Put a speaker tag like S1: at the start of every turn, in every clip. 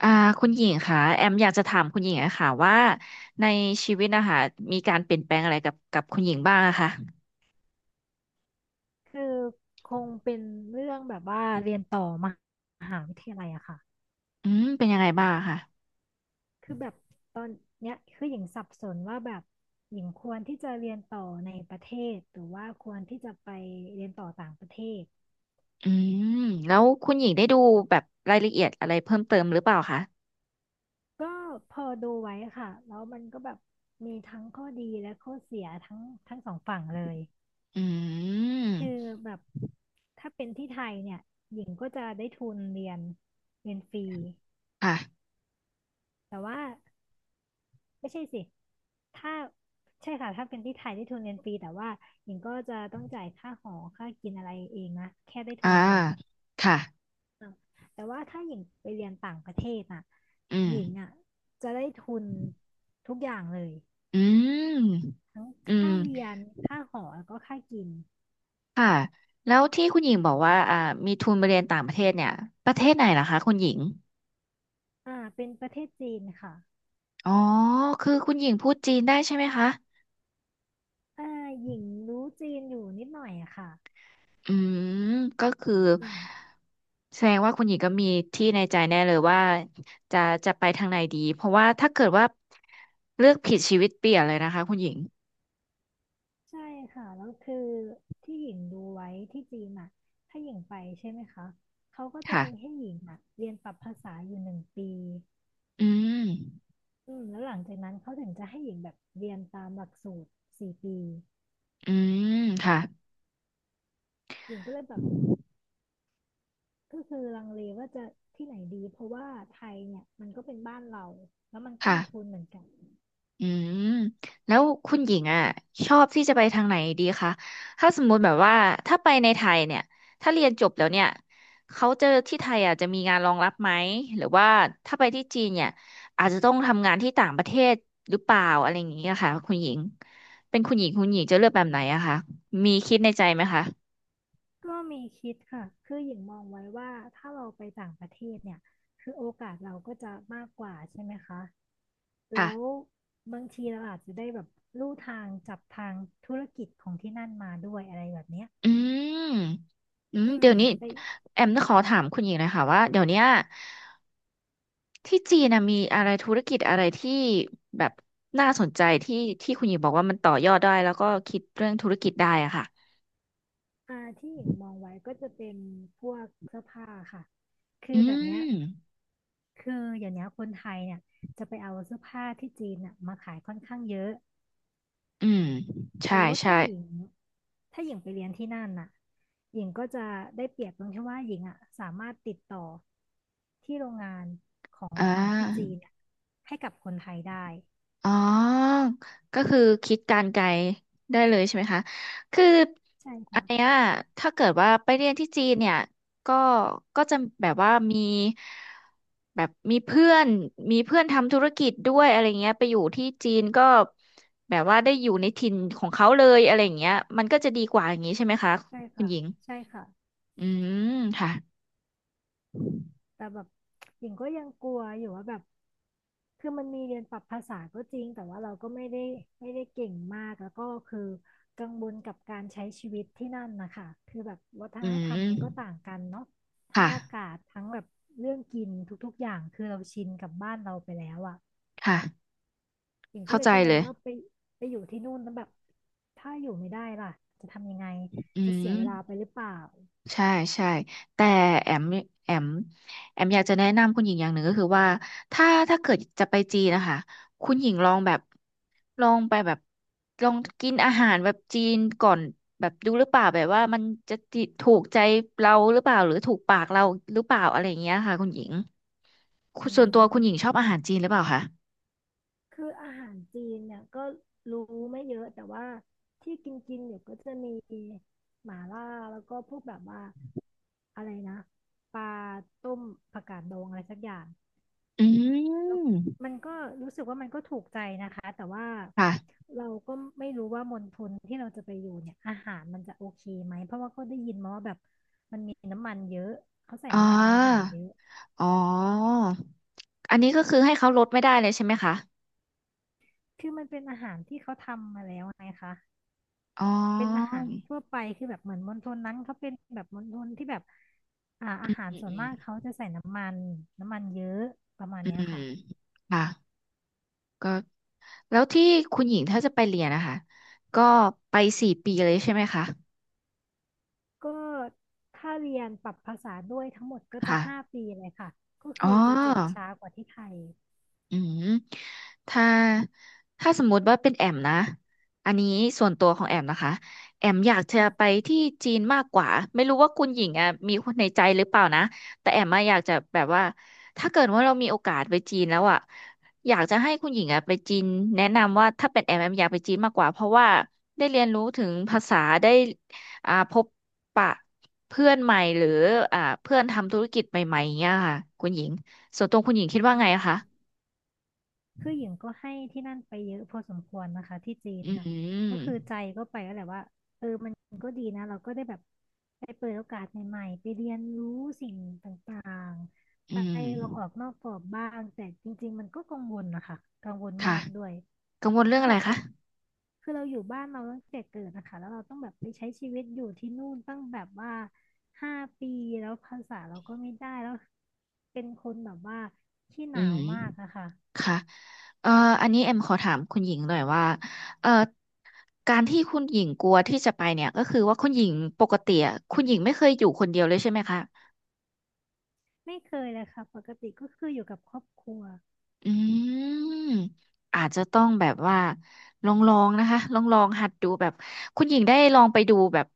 S1: อ่าคุณหญิงค่ะแอมอยากจะถามคุณหญิงอะค่ะว่าในชีวิตนะคะมีการเปลี่ยนแปลงอะไรกับคุณหญิงบ้างอะคะ
S2: คือคงเป็นเรื่องแบบว่าเรียนต่อมหาวิทยาลัยอะค่ะ
S1: เป็นยังไงบ้างอะค่ะ
S2: คือแบบตอนเนี้ยคือหญิงสับสนว่าแบบหญิงควรที่จะเรียนต่อในประเทศหรือว่าควรที่จะไปเรียนต่อต่างประเทศ
S1: อืมแล้วคุณหญิงได้ดูแบบรายละเอียดอะไรเพิ่มเติมหรือเปล่าคะ
S2: ก็พอดูไว้ค่ะแล้วมันก็แบบมีทั้งข้อดีและข้อเสียทั้งสองฝั่งเลย
S1: อื
S2: คือ
S1: ม
S2: แบบถ้าเป็นที่ไทยเนี่ยหญิงก็จะได้ทุนเรียนฟรี
S1: ค่ะ
S2: แต่ว่า ไม่ใช่สิ ถ้าใช่ค่ะ ถ้าเป็นที่ไทยได้ทุนเรียนฟรีแต่ว่าหญิงก็จะต้องจ่ายค่าหอค่ากินอะไรเองนะแค่ได้ทุ
S1: อ่า
S2: นเรียน
S1: ค่ะ
S2: แต่ว่าถ้าหญิงไปเรียนต่างประเทศน่ะ
S1: อืม
S2: หญิงอ่ะจะได้ทุนทุกอย่างเลย
S1: อืม
S2: ทั้ง
S1: อืม
S2: ค่าเรียนค่าหอแล้วก็ค่ากิน
S1: ค่ะแล้วที่คุณหญิงบอกว่ามีทุนไปเรียนต่างประเทศเนี่ยประเทศไหนล่ะคะคุณหญิง
S2: เป็นประเทศจีนค่ะ
S1: อ๋อคือคุณหญิงพูดจีนได้ใช่ไหมคะ
S2: อ่าหญิงรู้จีนอยู่นิดหน่อยอะค่ะ
S1: อืมก็คือ
S2: อืม
S1: แสดงว่าคุณหญิงก็มีที่ในใจแน่เลยว่าจะจะไปทางไหนดีเพราะว่าถ้าเกิดว่าเลือกผิดชีวิตเปลี่ยนเลยนะคะคุณหญิง
S2: ใช่ค่ะแล้วคือที่หญิงดูไว้ที่จีนอ่ะถ้าหญิงไปใช่ไหมคะเขาก็จะ
S1: ค่ะ
S2: มีให้หญิงอ่ะเรียนปรับภาษาอยู่1 ปี
S1: อืม
S2: แล้วหลังจากนั้นเขาถึงจะให้หญิงแบบเรียนตามหลักสูตร4 ปี
S1: อืมค่ะ
S2: หญิงก็เลยแบบก็คือลังเลว่าจะที่ไหนดีเพราะว่าไทยเนี่ยมันก็เป็นบ้านเราแล้วมันก็
S1: ค่ะ
S2: มีทุนเหมือนกัน
S1: อืมแล้วคุณหญิงอ่ะชอบที่จะไปทางไหนดีคะถ้าสมมุติแบบว่าถ้าไปในไทยเนี่ยถ้าเรียนจบแล้วเนี่ยเขาจะที่ไทยอ่ะจะมีงานรองรับไหมหรือว่าถ้าไปที่จีนเนี่ยอาจจะต้องทำงานที่ต่างประเทศหรือเปล่าอะไรอย่างเงี้ยค่ะคุณหญิงเป็นคุณหญิงคุณหญิงจะเลือกแบบไหนอะคะมีคิดในใจไหมคะ
S2: ก็มีคิดค่ะ คือหญิงมองไว้ว่าถ้าเราไปต่างประเทศเนี่ย คือโอกาสเราก็จะมากกว่าใช่ไหมคะ
S1: ค่ะ
S2: แล้วบางทีเราอาจจะได้แบบลู่ทางจับทางธุรกิจของที่นั่นมาด้วยอะไรแบบเนี้ย
S1: อืมอืม
S2: อื
S1: เดี๋
S2: ม
S1: ยวนี้
S2: ไป
S1: แอมจะขอถามคุณหญิงหนะคะว่าเดี๋ยวเนี้ย ที่จีนนะมีอะไรธุรกิจอะไรที่แบบน่าสนใจที่ที่คุณหญิงบอกว่ามันต่อยอดได้แล้วก็คิดเรื่องธุรกิจได้อะค่ะ
S2: ที่หญิงมองไว้ก็จะเป็นพวกเสื้อผ้าค่ะคื
S1: อื
S2: อแบบเนี้ย
S1: ม
S2: คืออย่างเนี้ยคนไทยเนี่ยจะไปเอาเสื้อผ้าที่จีนน่ะมาขายค่อนข้างเยอะ
S1: อืมใช่
S2: แล้ว
S1: ใช่
S2: ถ้าหญิงไปเรียนที่นั่นน่ะหญิงก็จะได้เปรียบตรงที่ว่าหญิงอ่ะสามารถติดต่อที่โรงงานของ
S1: อ่
S2: ฝั่งที่จี
S1: า
S2: นอะให้กับคนไทยได้
S1: อ๋อก็คือคิดการไกลได้เลยใช่ไหมคะคือ
S2: ใช่
S1: อัน
S2: ค่ะ
S1: เนี้ยถ้าเกิดว่าไปเรียนที่จีนเนี่ยก็ก็จะแบบว่ามี แบบมีเพื่อนทำธุรกิจด้วยอะไรเงี้ย ไปอยู่ที่จีนก็ แบบว่าได้อยู่ในถิ่นของเขาเลยอะไรเงี้ยมันก็จะดีกว่าอย่างนี้ใช่ไหมคะ
S2: ใช่
S1: คุณ
S2: ค่ะ
S1: หญิง
S2: ใช่ค่ะ
S1: อืมค่ะ
S2: แต่แบบหญิงก็ยังกลัวอยู่ว่าแบบคือมันมีเรียนปรับภาษาก็จริงแต่ว่าเราก็ไม่ได้เก่งมากแล้วก็คือกังวลกับการใช้ชีวิตที่นั่นนะคะคือแบบวัฒ
S1: อื
S2: นธรรมมันก็
S1: ม
S2: ต่างกันเนาะทั้ง
S1: ค่ะ
S2: อากาศทั้งแบบเรื่องกินทุกๆอย่างคือเราชินกับบ้านเราไปแล้วอ่ะ
S1: ค่ะ
S2: หญิงก็
S1: เข้า
S2: เล
S1: ใจ
S2: ยกังว
S1: เล
S2: ล
S1: ย
S2: ว่าไปอยู่ที่นู่นแล้วแบบถ้าอยู่ไม่ได้ล่ะจะทำยังไง
S1: อื
S2: จะเสียเวลาไป
S1: ม
S2: หรือเปล่า
S1: ใช่ใช่แต่แอมแอมแอมอยากจะแนะนำคุณหญิงอย่างหนึ่งก็คือว่าถ้าเกิดจะไปจีนนะคะคุณหญิงลองแบบลองไปแบบลองกินอาหารแบบจีนก่อนแบบดูหรือเปล่าแบบว่ามันจะติถูกใจเราหรือเปล่าหรือถูกปากเราหรือเปล่าอะไรอย่างเงี้ยค่ะคุณหญิงคุณ
S2: อื
S1: ส่วนตัวคุณหญิงชอบ
S2: ม
S1: อาหารจีนหรือเปล่าคะ
S2: คืออาหารจีนเนี่ยก็รู้ไม่เยอะแต่ว่าที่กินกินอยู่ก็จะมีหม่าล่าแล้วก็พวกแบบว่าอะไรนะปลาต้มผักกาดดองอะไรสักอย่าง
S1: อืม
S2: มันก็รู้สึกว่ามันก็ถูกใจนะคะแต่ว่า
S1: ค่ะ
S2: เราก็ไม่รู้ว่ามณฑลที่เราจะไปอยู่เนี่ยอาหารมันจะโอเคไหมเพราะว่าก็ได้ยินมาว่าแบบมันมีน้ำมันเยอะเขาใส่
S1: อ๋อ
S2: น้ำมันในอาหารเยอะ
S1: อ๋ออันนี้ก็คือให้เขาลดไม่ได้เลยใช่ไหมคะ
S2: คือมันเป็นอาหารที่เขาทำมาแล้วไงคะ
S1: อ๋อ
S2: เป็นอาหารทั่วไปคือแบบเหมือนมณฑลนั้นเขาเป็นแบบมณฑลที่แบบอาหาร
S1: อื
S2: ส่วนมากเขา
S1: ม
S2: จะใส่น้ำมันเยอะประมาณ
S1: อื
S2: เนี้ย
S1: ม
S2: ค่ะ
S1: ค่ะก็แล้วที่คุณหญิงถ้าจะไปเรียนนะคะก็ไป4 ปีเลยใช่ไหมคะ
S2: ก็ถ้าเรียนปรับภาษาด้วยทั้งหมดก็จะ
S1: ค่ะ
S2: 5 ปีเลยค่ะก็
S1: อ๋
S2: คื
S1: อ
S2: อจะจบช้ากว่าที่ไทย
S1: อืมถ้าถ้าสมมุติว่าเป็นแอมนะอันนี้ส่วนตัวของแอมนะคะแอมอยากจะ
S2: ค่ะ
S1: ไปที่จีนมากกว่าไม่รู้ว่าคุณหญิงอ่ะมีคนในใจหรือเปล่านะแต่แอมอะอยากจะแบบว่าถ้าเกิดว่าเรามีโอกาสไปจีนแล้วอ่ะอยากจะให้คุณหญิงอ่ะไปจีนแนะนำว่าถ้าเป็นแอมแอมอยากไปจีนมากกว่าเพราะว่าได้เรียนรู้ถึงภาษาได้อ่าพบปะเพื่อนใหม่หรืออ่าเพื่อนทำธุรกิจใหม่ๆอย่างเงี้ยค่ะคุณหญิงส่วนตัวคุณหญิงคิดว่าไงอะคะ
S2: คือหญิงก็ให้ที่นั่นไปเยอะพอสมควรนะคะที่จีน
S1: อื
S2: นะก็
S1: ม
S2: คือใจก็ไปแล้วแหละว่าเออมันก็ดีนะเราก็ได้แบบไปเปิดโอกาสใหม่ๆไปเรียนรู้สิ่งต่างๆ
S1: อื
S2: ไปลองออก
S1: ม
S2: นอกกรอบบ้างแต่จริงๆมันก็กังวลนะคะกังวล
S1: ค่ะ
S2: มากด้วย
S1: กังวล
S2: เพ
S1: เรื่อง
S2: ราะ
S1: อะ
S2: แบ
S1: ไร
S2: บ
S1: คะ
S2: เราคือเราอยู่บ้านเราตั้งแต่เกิดนะคะแล้วเราต้องแบบไปใช้ชีวิตอยู่ที่นู่นตั้งแบบว่าห้าปีแล้วภาษาเราก็ไม่ได้แล้วเป็นคนแบบว่าขี้ห
S1: อื
S2: นาว
S1: ม
S2: มากอะค่ะ
S1: ค่ะเอ่ออันนี้เอ็มขอถามคุณหญิงหน่อยว่าเอ่อการที่คุณหญิงกลัวที่จะไปเนี่ยก็คือว่าคุณหญิงปกติอะคุณหญิงไม่เคยอยู่คนเดียวเลยใช่ไหมคะ
S2: ไม่เคยเลยค่ะปกติก็คืออยู่กับครอบครัว
S1: อืมอาจจะต้องแบบว่าลองลองนะคะลองลองหัดดูแบบคุณหญิงได้ลองไปดูแบบ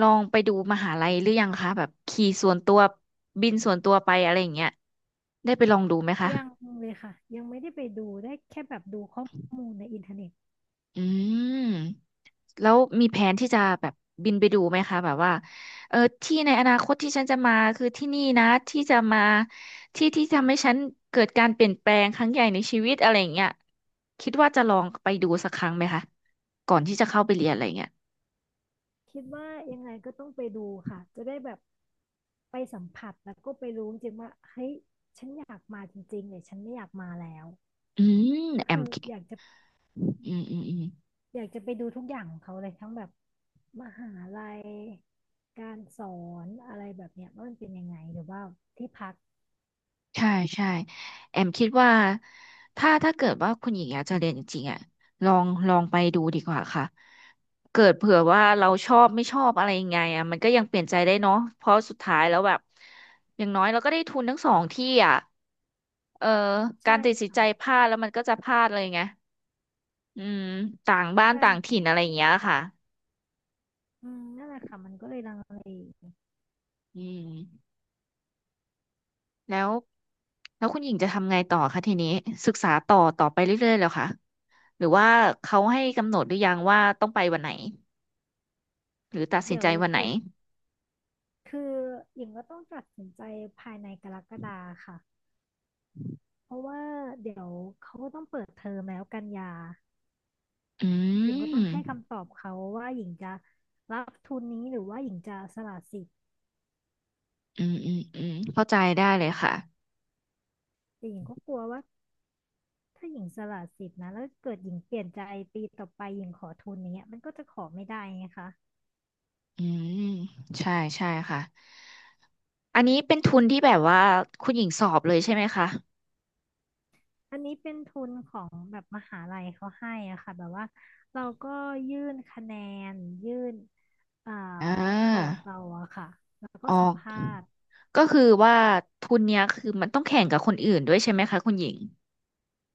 S1: ลองไปดูมหาลัยหรือยังคะแบบขี่ส่วนตัวบินส่วนตัวไปอะไรอย่างเงี้ยได้ไปลองดูไหมคะ
S2: ยังเลยค่ะยังไม่ได้ไปดูได้แค่แบบดูข้อมูลในอินเทอร์เน็ต
S1: อืมแล้วมีแผนที่จะแบบบินไปดูไหมคะแบบว่าเออที่ในอนาคตที่ฉันจะมาคือที่นี่นะที่จะมาที่ที่ทำให้ฉันเกิดการเปลี่ยนแปลงครั้งใหญ่ในชีวิตอะไรอย่างเงี้ยคิดว่าจะลองไปดูสักครั้งไหมคะก่อนที่จะเข้าไปเรียนอะไรอย่างเงี้ย
S2: คิดว่ายังไงก็ต้องไปดูค่ะจะได้แบบไปสัมผัสแล้วก็ไปรู้จริงๆว่าเฮ้ยฉันอยากมาจริงๆเนี่ยฉันไม่อยากมาแล้ว
S1: อืม
S2: ก็
S1: แอ
S2: คื
S1: ม
S2: ออยากจะ
S1: อืมอืมอืม
S2: อยากจะไปดูทุกอย่างของเขาเลยทั้งแบบมหาลัยการสอนอะไรแบบเนี้ยว่ามันเป็นยังไงหรือว่าที่พัก
S1: ใช่ใช่แอมคิดว่าถ้าเกิดว่าคุณหญิงอยากจะเรียนจริงๆอ่ะลองไปดูดีกว่าค่ะเกิดเผื่อว่าเราชอบไม่ชอบอะไรยังไงอ่ะมันก็ยังเปลี่ยนใจได้เนาะเพราะสุดท้ายแล้วแบบอย่างน้อยเราก็ได้ทุนทั้งสองที่อ่ะเออกา
S2: ใช่
S1: รตัดสินใจ
S2: ค่ะ
S1: พลาดแล้วมันก็จะพลาดเลยไงอืมต่างบ้าน
S2: ใช่
S1: ต่างถิ่น
S2: ค่ะ
S1: อะไรอย่างเงี้ยค่ะ
S2: อืมนั่นแหละค่ะมันก็เลยลังเล
S1: อืมแล้วแล้วคุณหญิงจะทำไงต่อคะทีนี้ศึกษาต่อต่อไปเรื่อยๆแล้วค่ะ หรือว่าเขาให้กำหนดหรือยังว่าต้องไปวันไหนหรือตัดสิน
S2: เดี๋ย
S1: ใจ
S2: ว
S1: วันไหน
S2: เปิดคือหญิงก็ต้องตัดสินใจภายในกรกฎาค่ะเพราะว่าเดี๋ยวเขาก็ต้องเปิดเทอมแล้วกันยา
S1: อื
S2: หญิงก็
S1: ม
S2: ต้องให้คำตอบเขาว่าหญิงจะรับทุนนี้หรือว่าหญิงจะสละสิทธิ์
S1: อืมอืมอืมเข้าใจได้เลยค่ะ
S2: แต่หญิงก็กลัวว่าถ้าหญิงสละสิทธิ์นะแล้วเกิดหญิงเปลี่ยนใจปีต่อไปหญิงขอทุนนี้ยมันก็จะขอไม่ได้ไงคะ
S1: อืมใช่ใช่ค่ะอันนี้เป็นทุนที่แบบว่าคุณหญิงสอบเลยใช่ไหมคะ
S2: อันนี้เป็นทุนของแบบมหาลัยเขาให้อะค่ะแบบว่าเราก็ยื่นคะแนนยื่นเอ่อ
S1: อ่
S2: พอ
S1: า
S2: ร์ตเราอะค่ะแล้ว
S1: อ
S2: ก็
S1: อ
S2: สัม
S1: ก
S2: ภาษณ์
S1: ก็คือว่าทุนเนี้ยคือมันต้องแข่งกับคนอื่นด้วยใช่ไหมคะคุณหญิง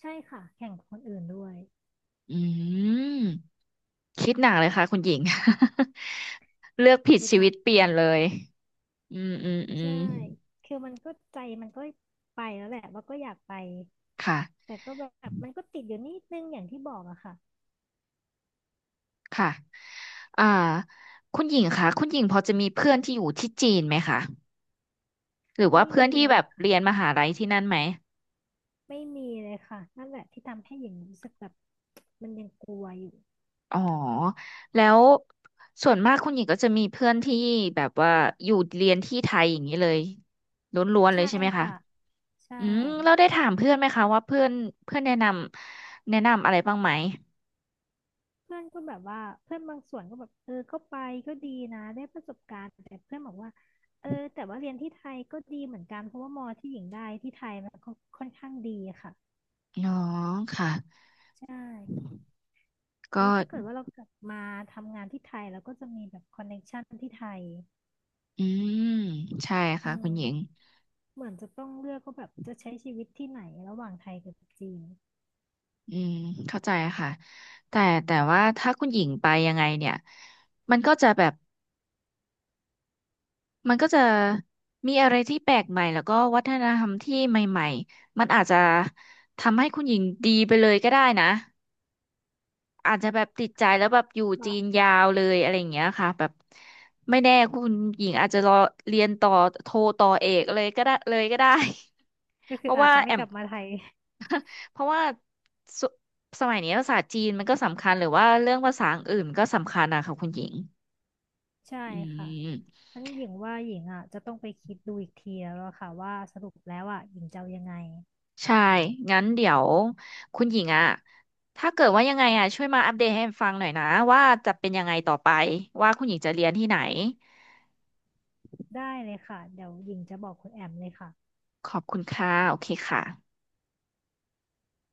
S2: ใช่ค่ะแข่งกับคนอื่นด้วย
S1: อืมคิดหนักเลยค่ะคุณหญิง เลือกผิด
S2: คิด
S1: ชี
S2: ห
S1: วิ
S2: นั
S1: ต
S2: ก
S1: เปลี่ย
S2: มา
S1: น
S2: ก
S1: เลยอืมอืมอื
S2: ใช่
S1: ม
S2: คือมันก็ใจมันก็ไปแล้วแหละว่าก็อยากไป
S1: ค่ะ
S2: แต่ก็แบบมันก็ติดอยู่นิดนึงอย่างที่บอกอะค่ะ
S1: ค่ะอ่าคุณหญิงคะคุณหญิงพอจะมีเพื่อนที่อยู่ที่จีนไหมคะหรือว่า
S2: ไม่
S1: เพื่อน
S2: มี
S1: ที่แบ
S2: เล
S1: บ
S2: ย
S1: เรียนมหาลัยที่นั่นไหม
S2: ไม่มีเลยค่ะนั่นแหละที่ทำให้หญิงรู้สึกแบบมันยังกลัวอยู่
S1: อ๋อแล้วส่วนมากคุณหญิงก็จะมีเพื่อนที่แบบว่าอยู่เรียนที่ไทยอย่างนี้เลยล้วนๆเลย
S2: ใช่
S1: ใช่ไหมคะ
S2: ค่ะใช่
S1: เราได้ถามเพื่อนไหมคะว่าเพื่อนเพื่อนแนะนำอะไรบ้างไหม
S2: เพื่อนก็แบบว่าเพื่อนบางส่วนก็แบบเออก็ไปก็ดีนะได้ประสบการณ์แต่เพื่อนบอกว่าเออแต่ว่าเรียนที่ไทยก็ดีเหมือนกันเพราะว่ามอที่หญิงได้ที่ไทยมันก็ค่อนข้างดีค่ะ
S1: อ๋อค่ะ
S2: ใช่
S1: ก็
S2: แล้วถ้าเกิดว่าเรากลับมาทำงานที่ไทยเราก็จะมีแบบคอนเน c t ชันที่ไทย
S1: อืมใช่ค่ะ
S2: อื
S1: คุ
S2: ม
S1: ณหญิง
S2: เหมือนจะต้องเลือกว่าแบบจะใช้ชีวิตที่ไหนระหว่างไทยกับจีน
S1: อืมเข้าใจค่ะแต่แต่ว่าถ้าคุณหญิงไปยังไงเนี่ยมันก็จะแบบมันก็จะมีอะไรที่แปลกใหม่แล้วก็วัฒนธรรมที่ใหม่ๆมันอาจจะทำให้คุณหญิงดีไปเลยก็ได้นะ อาจจะแบบติดใจแล้วแบบอยู่
S2: ก็
S1: จีนยาวเลยอะไรอย่างเงี้ยค่ะแบบไม่แน่คุณหญิงอาจจะรอเรียนต่อโทต่อเอกเลยก็ได้ เลยก็ได้
S2: ก็
S1: เพ
S2: คือ
S1: ราะ
S2: อาจ
S1: ว่า
S2: จะ
S1: แอ
S2: ไม่ก
S1: ม
S2: ลับมาไทย
S1: เพราะว่าสสมัยนี้ภาษาจีนมันก็สำคัญหรือว่าเรื่องภาษาอื่นก็สำคัญนะคะคุณหญิง
S2: ใช่
S1: อื
S2: ค่ะ
S1: ม
S2: ฉันหญิงว่าหญิงอ่ะจะต้องไปคิดดูอีกทีแล้วอะค่ะว่าสรุปแล้วอ่ะหญิงจะเอายังไง
S1: ใช่งั้นเดี๋ยวคุณหญิงอะถ้าเกิดว่ายังไงอะช่วยมาอัปเดตให้แอมฟังหน่อยนะว่าจะเป็นยังไงต่อไปว่าคุณหญิงจะเรียนที่ไหน
S2: ได้เลยค่ะเดี๋ยวหญิงจะบอกคุณแอมเลยค่ะ
S1: ขอบคุณค่ะ โอเคค่ะ